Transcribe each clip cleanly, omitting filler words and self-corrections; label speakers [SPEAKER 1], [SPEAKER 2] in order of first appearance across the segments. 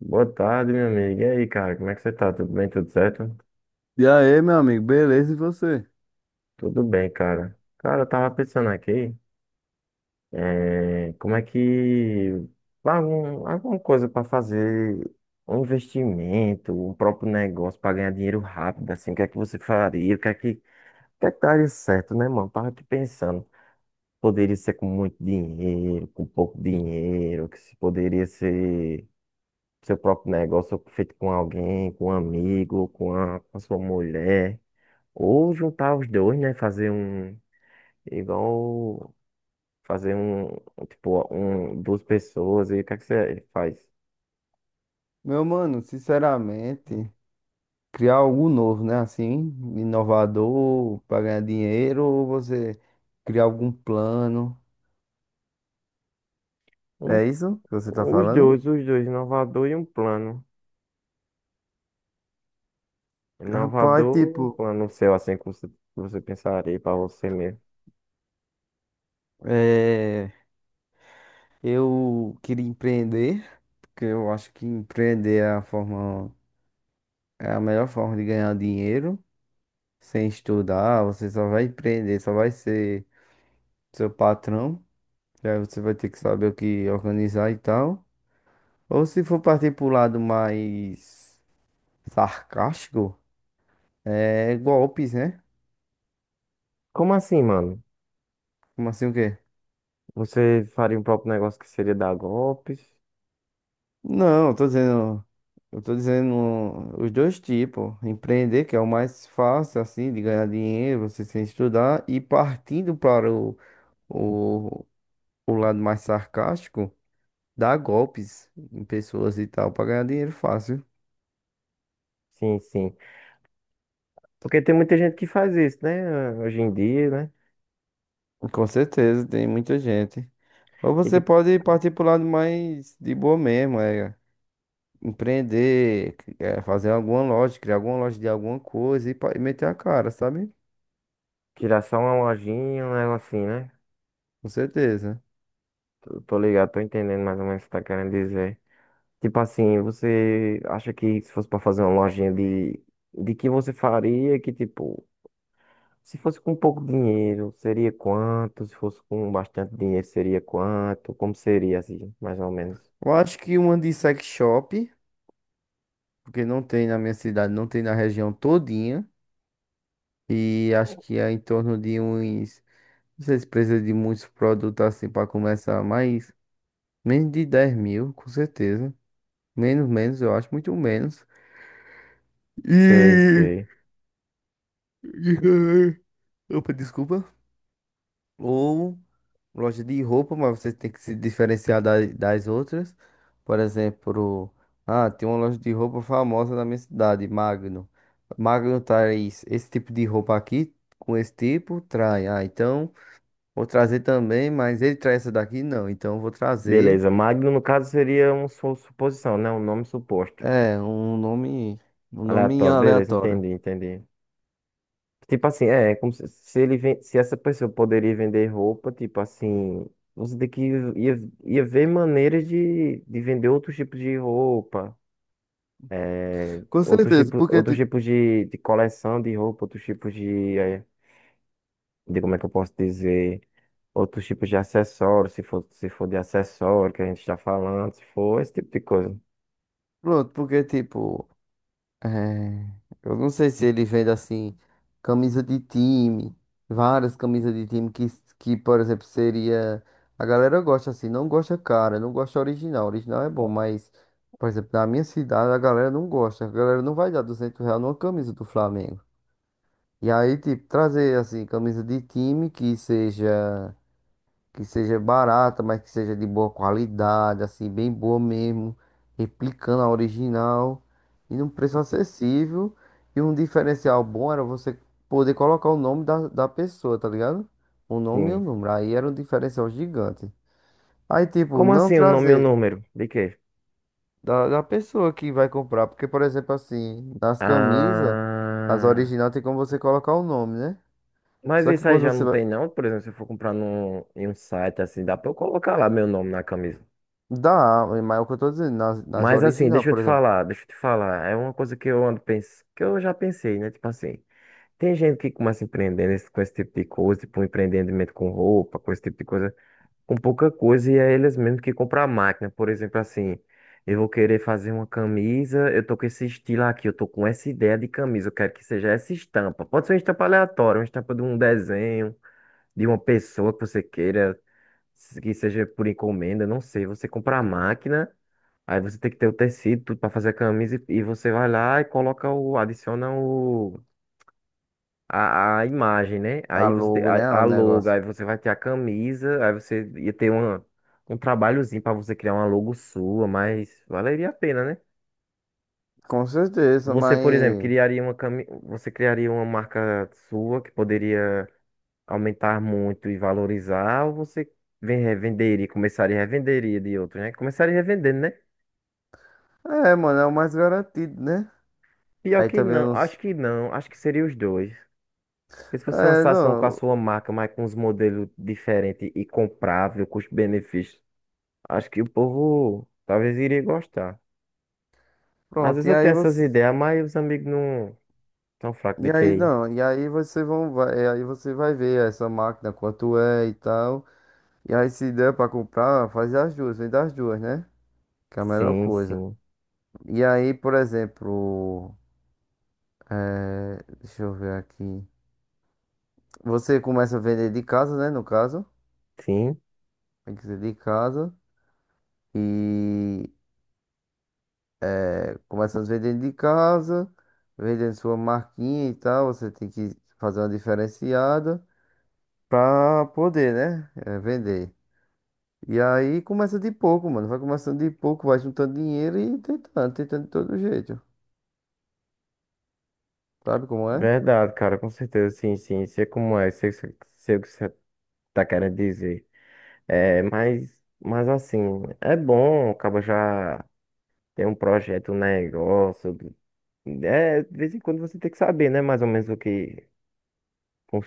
[SPEAKER 1] Boa tarde, meu amigo. E aí, cara, como é que você tá? Tudo bem? Tudo certo?
[SPEAKER 2] E aí, meu amigo, beleza? E você?
[SPEAKER 1] Tudo bem, cara. Cara, eu tava pensando aqui, como é que alguma coisa pra fazer um investimento, um próprio negócio pra ganhar dinheiro rápido, assim, o que é que você faria? O que é que daria certo, né, mano? Tava aqui pensando. Poderia ser com muito dinheiro, com pouco dinheiro, que se poderia ser seu próprio negócio feito com alguém, com um amigo, com a sua mulher. Ou juntar os dois, né? Fazer um. Igual. Fazer um. Tipo, um, duas pessoas. E o que é que você faz?
[SPEAKER 2] Meu mano, sinceramente, criar algo novo, né? Assim, inovador, para ganhar dinheiro, ou você criar algum plano.
[SPEAKER 1] Um,
[SPEAKER 2] É isso que você tá
[SPEAKER 1] os
[SPEAKER 2] falando?
[SPEAKER 1] dois, os dois. Inovador e um plano.
[SPEAKER 2] Rapaz,
[SPEAKER 1] Inovador, um
[SPEAKER 2] tipo,
[SPEAKER 1] plano seu, assim, que você pensaria pra você mesmo.
[SPEAKER 2] é, eu queria empreender, porque eu acho que empreender é a forma, é a melhor forma de ganhar dinheiro, sem estudar, você só vai empreender, só vai ser seu patrão, e aí você vai ter que saber o que organizar e tal. Ou se for partir pro lado mais sarcástico, é golpes, né?
[SPEAKER 1] Como assim, mano?
[SPEAKER 2] Como assim o quê?
[SPEAKER 1] Você faria um próprio negócio que seria dar golpes?
[SPEAKER 2] Não, eu tô dizendo. Eu tô dizendo os dois tipos. Empreender, que é o mais fácil, assim, de ganhar dinheiro, você sem estudar, e partindo o, o lado mais sarcástico, dar golpes em pessoas e tal, para ganhar dinheiro fácil.
[SPEAKER 1] Sim, sim. Porque tem muita gente que faz isso, né? Hoje em dia, né?
[SPEAKER 2] Com certeza, tem muita gente. Ou
[SPEAKER 1] E
[SPEAKER 2] você
[SPEAKER 1] tipo,
[SPEAKER 2] pode partir pro lado mais de boa mesmo, é. Empreender, é, fazer alguma loja, criar alguma loja de alguma coisa e, e meter a cara, sabe?
[SPEAKER 1] tirar só uma lojinha, um negocinho, né?
[SPEAKER 2] Com certeza.
[SPEAKER 1] Tô ligado, tô entendendo mais ou menos o que você tá querendo dizer. Tipo assim, você acha que se fosse para fazer uma lojinha de que você faria que, tipo, se fosse com pouco dinheiro, seria quanto? Se fosse com bastante dinheiro, seria quanto? Como seria, assim, mais ou menos?
[SPEAKER 2] Eu acho que uma de sex shop, porque não tem na minha cidade, não tem na região todinha. E acho que é em torno de uns. Não sei se precisa de muitos produtos assim para começar, mas menos de 10 mil, com certeza. Menos, menos, eu acho, muito menos.
[SPEAKER 1] Sei,
[SPEAKER 2] E.
[SPEAKER 1] sei.
[SPEAKER 2] Opa, desculpa. Ou loja de roupa, mas você tem que se diferenciar das outras. Por exemplo, ah, tem uma loja de roupa famosa na minha cidade, Magno. Magno traz esse tipo de roupa aqui, com esse tipo, trai. Ah, então vou trazer também, mas ele traz essa daqui, não. Então eu vou trazer,
[SPEAKER 1] Beleza, Magno, no caso, seria uma su- suposição, né? Um nome suposto.
[SPEAKER 2] é, um nome
[SPEAKER 1] Aleatório, beleza,
[SPEAKER 2] aleatório.
[SPEAKER 1] entendi, entendi. Tipo assim, é como se ele ven- se essa pessoa poderia vender roupa, tipo assim, você tem que ia, ia ver maneiras de vender outros tipos de roupa, é,
[SPEAKER 2] Com certeza, porque
[SPEAKER 1] outros
[SPEAKER 2] tipo,
[SPEAKER 1] tipos de coleção de roupa, outros tipos de, é, de como é que eu posso dizer, outros tipos de acessórios, se for de acessório que a gente está falando, se for esse tipo de coisa.
[SPEAKER 2] pronto, porque tipo. É, eu não sei se ele vende assim, camisa de time, várias camisas de time que, por exemplo, seria. A galera gosta assim, não gosta cara, não gosta original. Original é bom, mas, por exemplo, na minha cidade a galera não gosta. A galera não vai dar 200 reais numa camisa do Flamengo. E aí, tipo, trazer assim, camisa de time que seja barata, mas que seja de boa qualidade, assim, bem boa mesmo, replicando a original e num preço acessível. E um diferencial bom era você poder colocar o nome da pessoa, tá ligado? O nome e o
[SPEAKER 1] Sim.
[SPEAKER 2] número. Aí era um diferencial gigante. Aí, tipo,
[SPEAKER 1] Como
[SPEAKER 2] não
[SPEAKER 1] assim o nome e o
[SPEAKER 2] trazer
[SPEAKER 1] número? De quê?
[SPEAKER 2] da pessoa que vai comprar, porque, por exemplo, assim, nas camisas, as
[SPEAKER 1] Ah.
[SPEAKER 2] originais tem como você colocar o nome, né?
[SPEAKER 1] Mas
[SPEAKER 2] Só que
[SPEAKER 1] isso aí
[SPEAKER 2] quando
[SPEAKER 1] já
[SPEAKER 2] você
[SPEAKER 1] não
[SPEAKER 2] vai.
[SPEAKER 1] tem não, por exemplo, se eu for comprar num, em um site assim, dá pra eu colocar lá meu nome na camisa.
[SPEAKER 2] Dá, mas é o que eu tô dizendo, nas
[SPEAKER 1] Mas assim,
[SPEAKER 2] original, por exemplo.
[SPEAKER 1] deixa eu te falar, é uma coisa que eu ando pens... que eu já pensei, né? Tipo assim, tem gente que começa empreendendo esse- com esse tipo de coisa, tipo um empreendimento com roupa, com esse tipo de coisa, com pouca coisa, e é eles mesmos que compram a máquina. Por exemplo, assim, eu vou querer fazer uma camisa, eu tô com esse estilo aqui, eu tô com essa ideia de camisa, eu quero que seja essa estampa. Pode ser uma estampa aleatória, uma estampa de um desenho de uma pessoa que você queira, se- que seja por encomenda, não sei. Você compra a máquina, aí você tem que ter o tecido, tudo para fazer a camisa, e você vai lá e coloca o, adiciona o, a imagem, né?
[SPEAKER 2] A
[SPEAKER 1] Aí você tem
[SPEAKER 2] logo, né? O
[SPEAKER 1] a logo,
[SPEAKER 2] negócio.
[SPEAKER 1] aí você vai ter a camisa, aí você ia ter uma, um trabalhozinho para você criar uma logo sua, mas valeria a pena, né?
[SPEAKER 2] Com certeza,
[SPEAKER 1] Você, por exemplo,
[SPEAKER 2] mas.
[SPEAKER 1] criaria uma cami... você criaria uma marca sua que poderia aumentar muito e valorizar, ou você vem revender e começaria a revender e revenderia de outros, né? Começaria revendendo, né?
[SPEAKER 2] É, mano, é o mais garantido, né?
[SPEAKER 1] Pior
[SPEAKER 2] Aí
[SPEAKER 1] que
[SPEAKER 2] também eu
[SPEAKER 1] não,
[SPEAKER 2] não.
[SPEAKER 1] acho que não, acho que seria os dois. Porque se você
[SPEAKER 2] É,
[SPEAKER 1] lançasse um com a
[SPEAKER 2] não.
[SPEAKER 1] sua marca, mas com uns modelos diferentes e comprável, custo-benefício, acho que o povo talvez iria gostar. Às
[SPEAKER 2] Pronto,
[SPEAKER 1] vezes
[SPEAKER 2] e
[SPEAKER 1] eu tenho
[SPEAKER 2] aí
[SPEAKER 1] essas
[SPEAKER 2] você.
[SPEAKER 1] ideias, mas os amigos não tão fracos
[SPEAKER 2] E
[SPEAKER 1] de
[SPEAKER 2] aí
[SPEAKER 1] QI.
[SPEAKER 2] não, e aí você vai, e aí você vai ver essa máquina, quanto é e tal. E aí se der pra comprar, faz as duas, vem das duas, né? Que é a melhor
[SPEAKER 1] Sim,
[SPEAKER 2] coisa.
[SPEAKER 1] sim,
[SPEAKER 2] E aí, por exemplo, é, deixa eu ver aqui. Você começa a vender de casa, né? No caso,
[SPEAKER 1] sim.
[SPEAKER 2] tem que ser de casa. E começando vendendo de casa, vendendo sua marquinha e tal. Você tem que fazer uma diferenciada pra poder, né? Vender. E aí começa de pouco, mano. Vai começando de pouco, vai juntando dinheiro e tentando, tentando de todo jeito. Sabe como é?
[SPEAKER 1] Verdade, cara, com certeza, sim, sim. Sei como é, sei, sei, sei o que você tá querendo dizer. É, mas assim, é bom, acaba já tem um projeto, um negócio. É, de vez em quando você tem que saber, né? Mais ou menos o que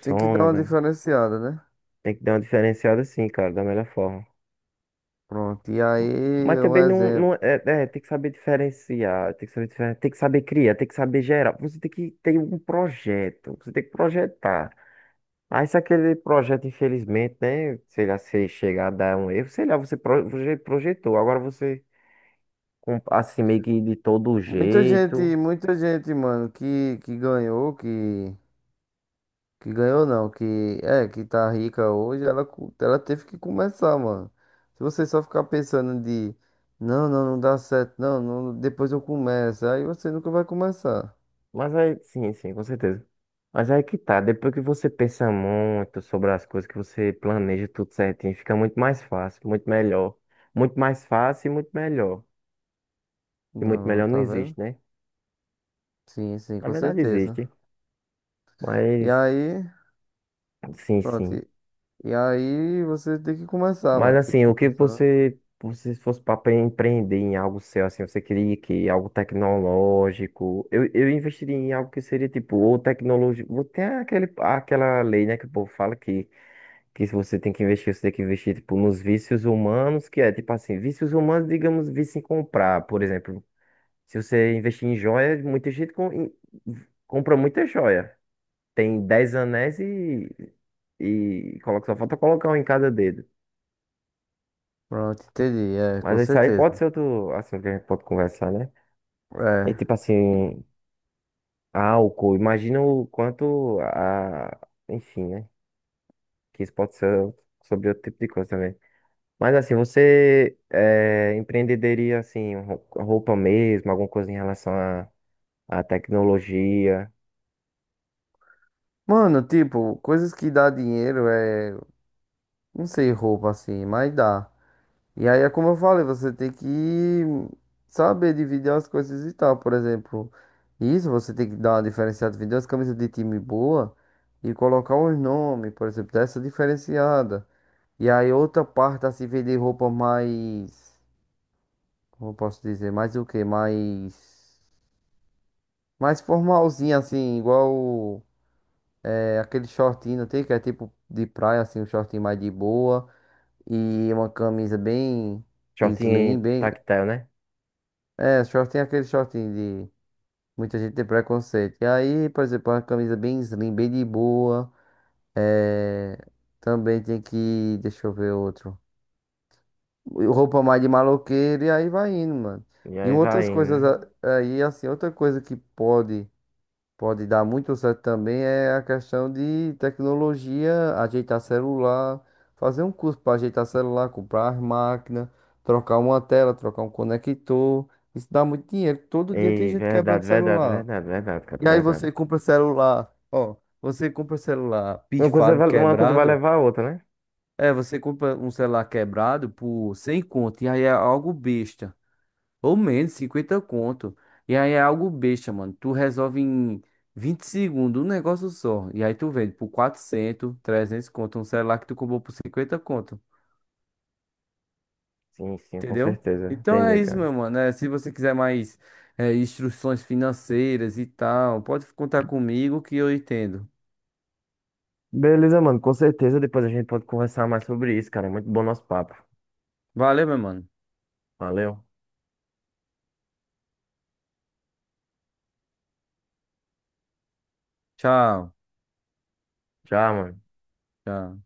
[SPEAKER 2] Tem que dar uma
[SPEAKER 1] né?
[SPEAKER 2] diferenciada, né?
[SPEAKER 1] Tem que dar uma diferenciada assim, cara, da melhor forma.
[SPEAKER 2] Pronto. E
[SPEAKER 1] Mas
[SPEAKER 2] aí, um
[SPEAKER 1] também não,
[SPEAKER 2] exemplo.
[SPEAKER 1] não é, tem que saber diferenciar, tem que saber, diferen- tem que saber criar, tem que saber gerar. Você tem que ter um projeto, você tem que projetar. Aí se aquele projeto, infelizmente, né? Sei lá, se chegar a dar um erro, sei lá, você proje- projetou. Agora você com- assim, meio que de todo jeito.
[SPEAKER 2] Muita gente, mano, que ganhou, que ganhou não, que é, que tá rica hoje, ela, ela teve que começar, mano. Se você só ficar pensando de não, não, não dá certo, não, não, depois eu começo, aí você nunca vai começar.
[SPEAKER 1] Mas aí, sim, sim, com certeza. Mas aí que tá, depois que você pensa muito sobre as coisas, que você planeja tudo certinho, fica muito mais fácil, muito melhor. Muito mais fácil e muito melhor. E muito
[SPEAKER 2] Não,
[SPEAKER 1] melhor não
[SPEAKER 2] tá vendo?
[SPEAKER 1] existe, né?
[SPEAKER 2] Sim, sim,
[SPEAKER 1] Na
[SPEAKER 2] com
[SPEAKER 1] verdade
[SPEAKER 2] certeza.
[SPEAKER 1] existe,
[SPEAKER 2] E
[SPEAKER 1] mas
[SPEAKER 2] aí,
[SPEAKER 1] sim,
[SPEAKER 2] pronto.
[SPEAKER 1] sim.
[SPEAKER 2] E aí você tem que começar,
[SPEAKER 1] Mas
[SPEAKER 2] mano. Tem que
[SPEAKER 1] assim,
[SPEAKER 2] começar.
[SPEAKER 1] você se fosse para empreender em algo seu, assim, você queria que algo tecnológico, eu investiria em algo que seria tipo, ou tecnológico, tem aquela lei, né, que o povo fala que se você tem que investir, você tem que investir, tipo, nos vícios humanos, que é, tipo assim, vícios humanos, digamos, vício em comprar, por exemplo, se você investir em joia, muita gente com- em- compra muita joia, tem 10 anéis e coloca, só falta colocar um em cada dedo.
[SPEAKER 2] Pronto, entendi, é, com
[SPEAKER 1] Mas isso aí pode
[SPEAKER 2] certeza.
[SPEAKER 1] ser outro assunto que a gente pode conversar, né? É
[SPEAKER 2] É.
[SPEAKER 1] tipo assim, álcool. Imagina o quanto a. Enfim, né? Que isso pode ser sobre outro tipo de coisa também. Mas assim, você é, empreendedoria assim, rou- roupa mesmo, alguma coisa em relação à tecnologia,
[SPEAKER 2] Mano, tipo, coisas que dá dinheiro é, não sei, roupa assim, mas dá. E aí é como eu falei, você tem que saber dividir as coisas e tal. Por exemplo, isso você tem que dar uma diferenciada, vender umas camisas de time boa e colocar uns nomes, por exemplo, dessa diferenciada. E aí outra parte assim, vender roupa mais, como eu posso dizer, mais o quê? Mais, mais formalzinha assim, igual é, aquele shortinho, não tem que é tipo de praia assim, um shortinho mais de boa e uma camisa bem
[SPEAKER 1] short
[SPEAKER 2] slim, bem.
[SPEAKER 1] tactile, né?
[SPEAKER 2] É, shortinho é aquele shortinho de muita gente tem preconceito. E aí, por exemplo, uma camisa bem slim, bem de boa. É, também tem que, deixa eu ver outro. Roupa mais de maloqueiro e aí vai indo, mano.
[SPEAKER 1] E
[SPEAKER 2] E
[SPEAKER 1] aí
[SPEAKER 2] outras
[SPEAKER 1] vai indo,
[SPEAKER 2] coisas
[SPEAKER 1] né?
[SPEAKER 2] aí, assim, outra coisa que pode. Pode dar muito certo também é a questão de tecnologia, ajeitar celular, fazer um curso para ajeitar celular, comprar as máquinas, trocar uma tela, trocar um conector. Isso dá muito dinheiro. Todo dia tem
[SPEAKER 1] Ei,
[SPEAKER 2] gente quebrando
[SPEAKER 1] verdade, verdade,
[SPEAKER 2] celular.
[SPEAKER 1] verdade, verdade, cara,
[SPEAKER 2] E aí
[SPEAKER 1] verdade.
[SPEAKER 2] você compra celular, ó, você compra celular pifado,
[SPEAKER 1] Uma coisa vai
[SPEAKER 2] quebrado.
[SPEAKER 1] levar a outra, né?
[SPEAKER 2] É, você compra um celular quebrado por 100 conto, e aí é algo besta. Ou menos, 50 conto. E aí é algo besta, mano. Tu resolve em 20 segundos um negócio só. E aí tu vende por 400, 300 conto. Um celular que tu comprou por 50 conto.
[SPEAKER 1] Sim, sim, com
[SPEAKER 2] Entendeu?
[SPEAKER 1] certeza.
[SPEAKER 2] Então é
[SPEAKER 1] Entendi,
[SPEAKER 2] isso,
[SPEAKER 1] cara.
[SPEAKER 2] meu mano. É, se você quiser mais é, instruções financeiras e tal, pode contar comigo que eu entendo.
[SPEAKER 1] Beleza, mano. Com certeza depois a gente pode conversar mais sobre isso, cara. É muito bom nosso papo.
[SPEAKER 2] Valeu, meu mano.
[SPEAKER 1] Valeu.
[SPEAKER 2] Tchau.
[SPEAKER 1] Tchau, mano.
[SPEAKER 2] Tchau.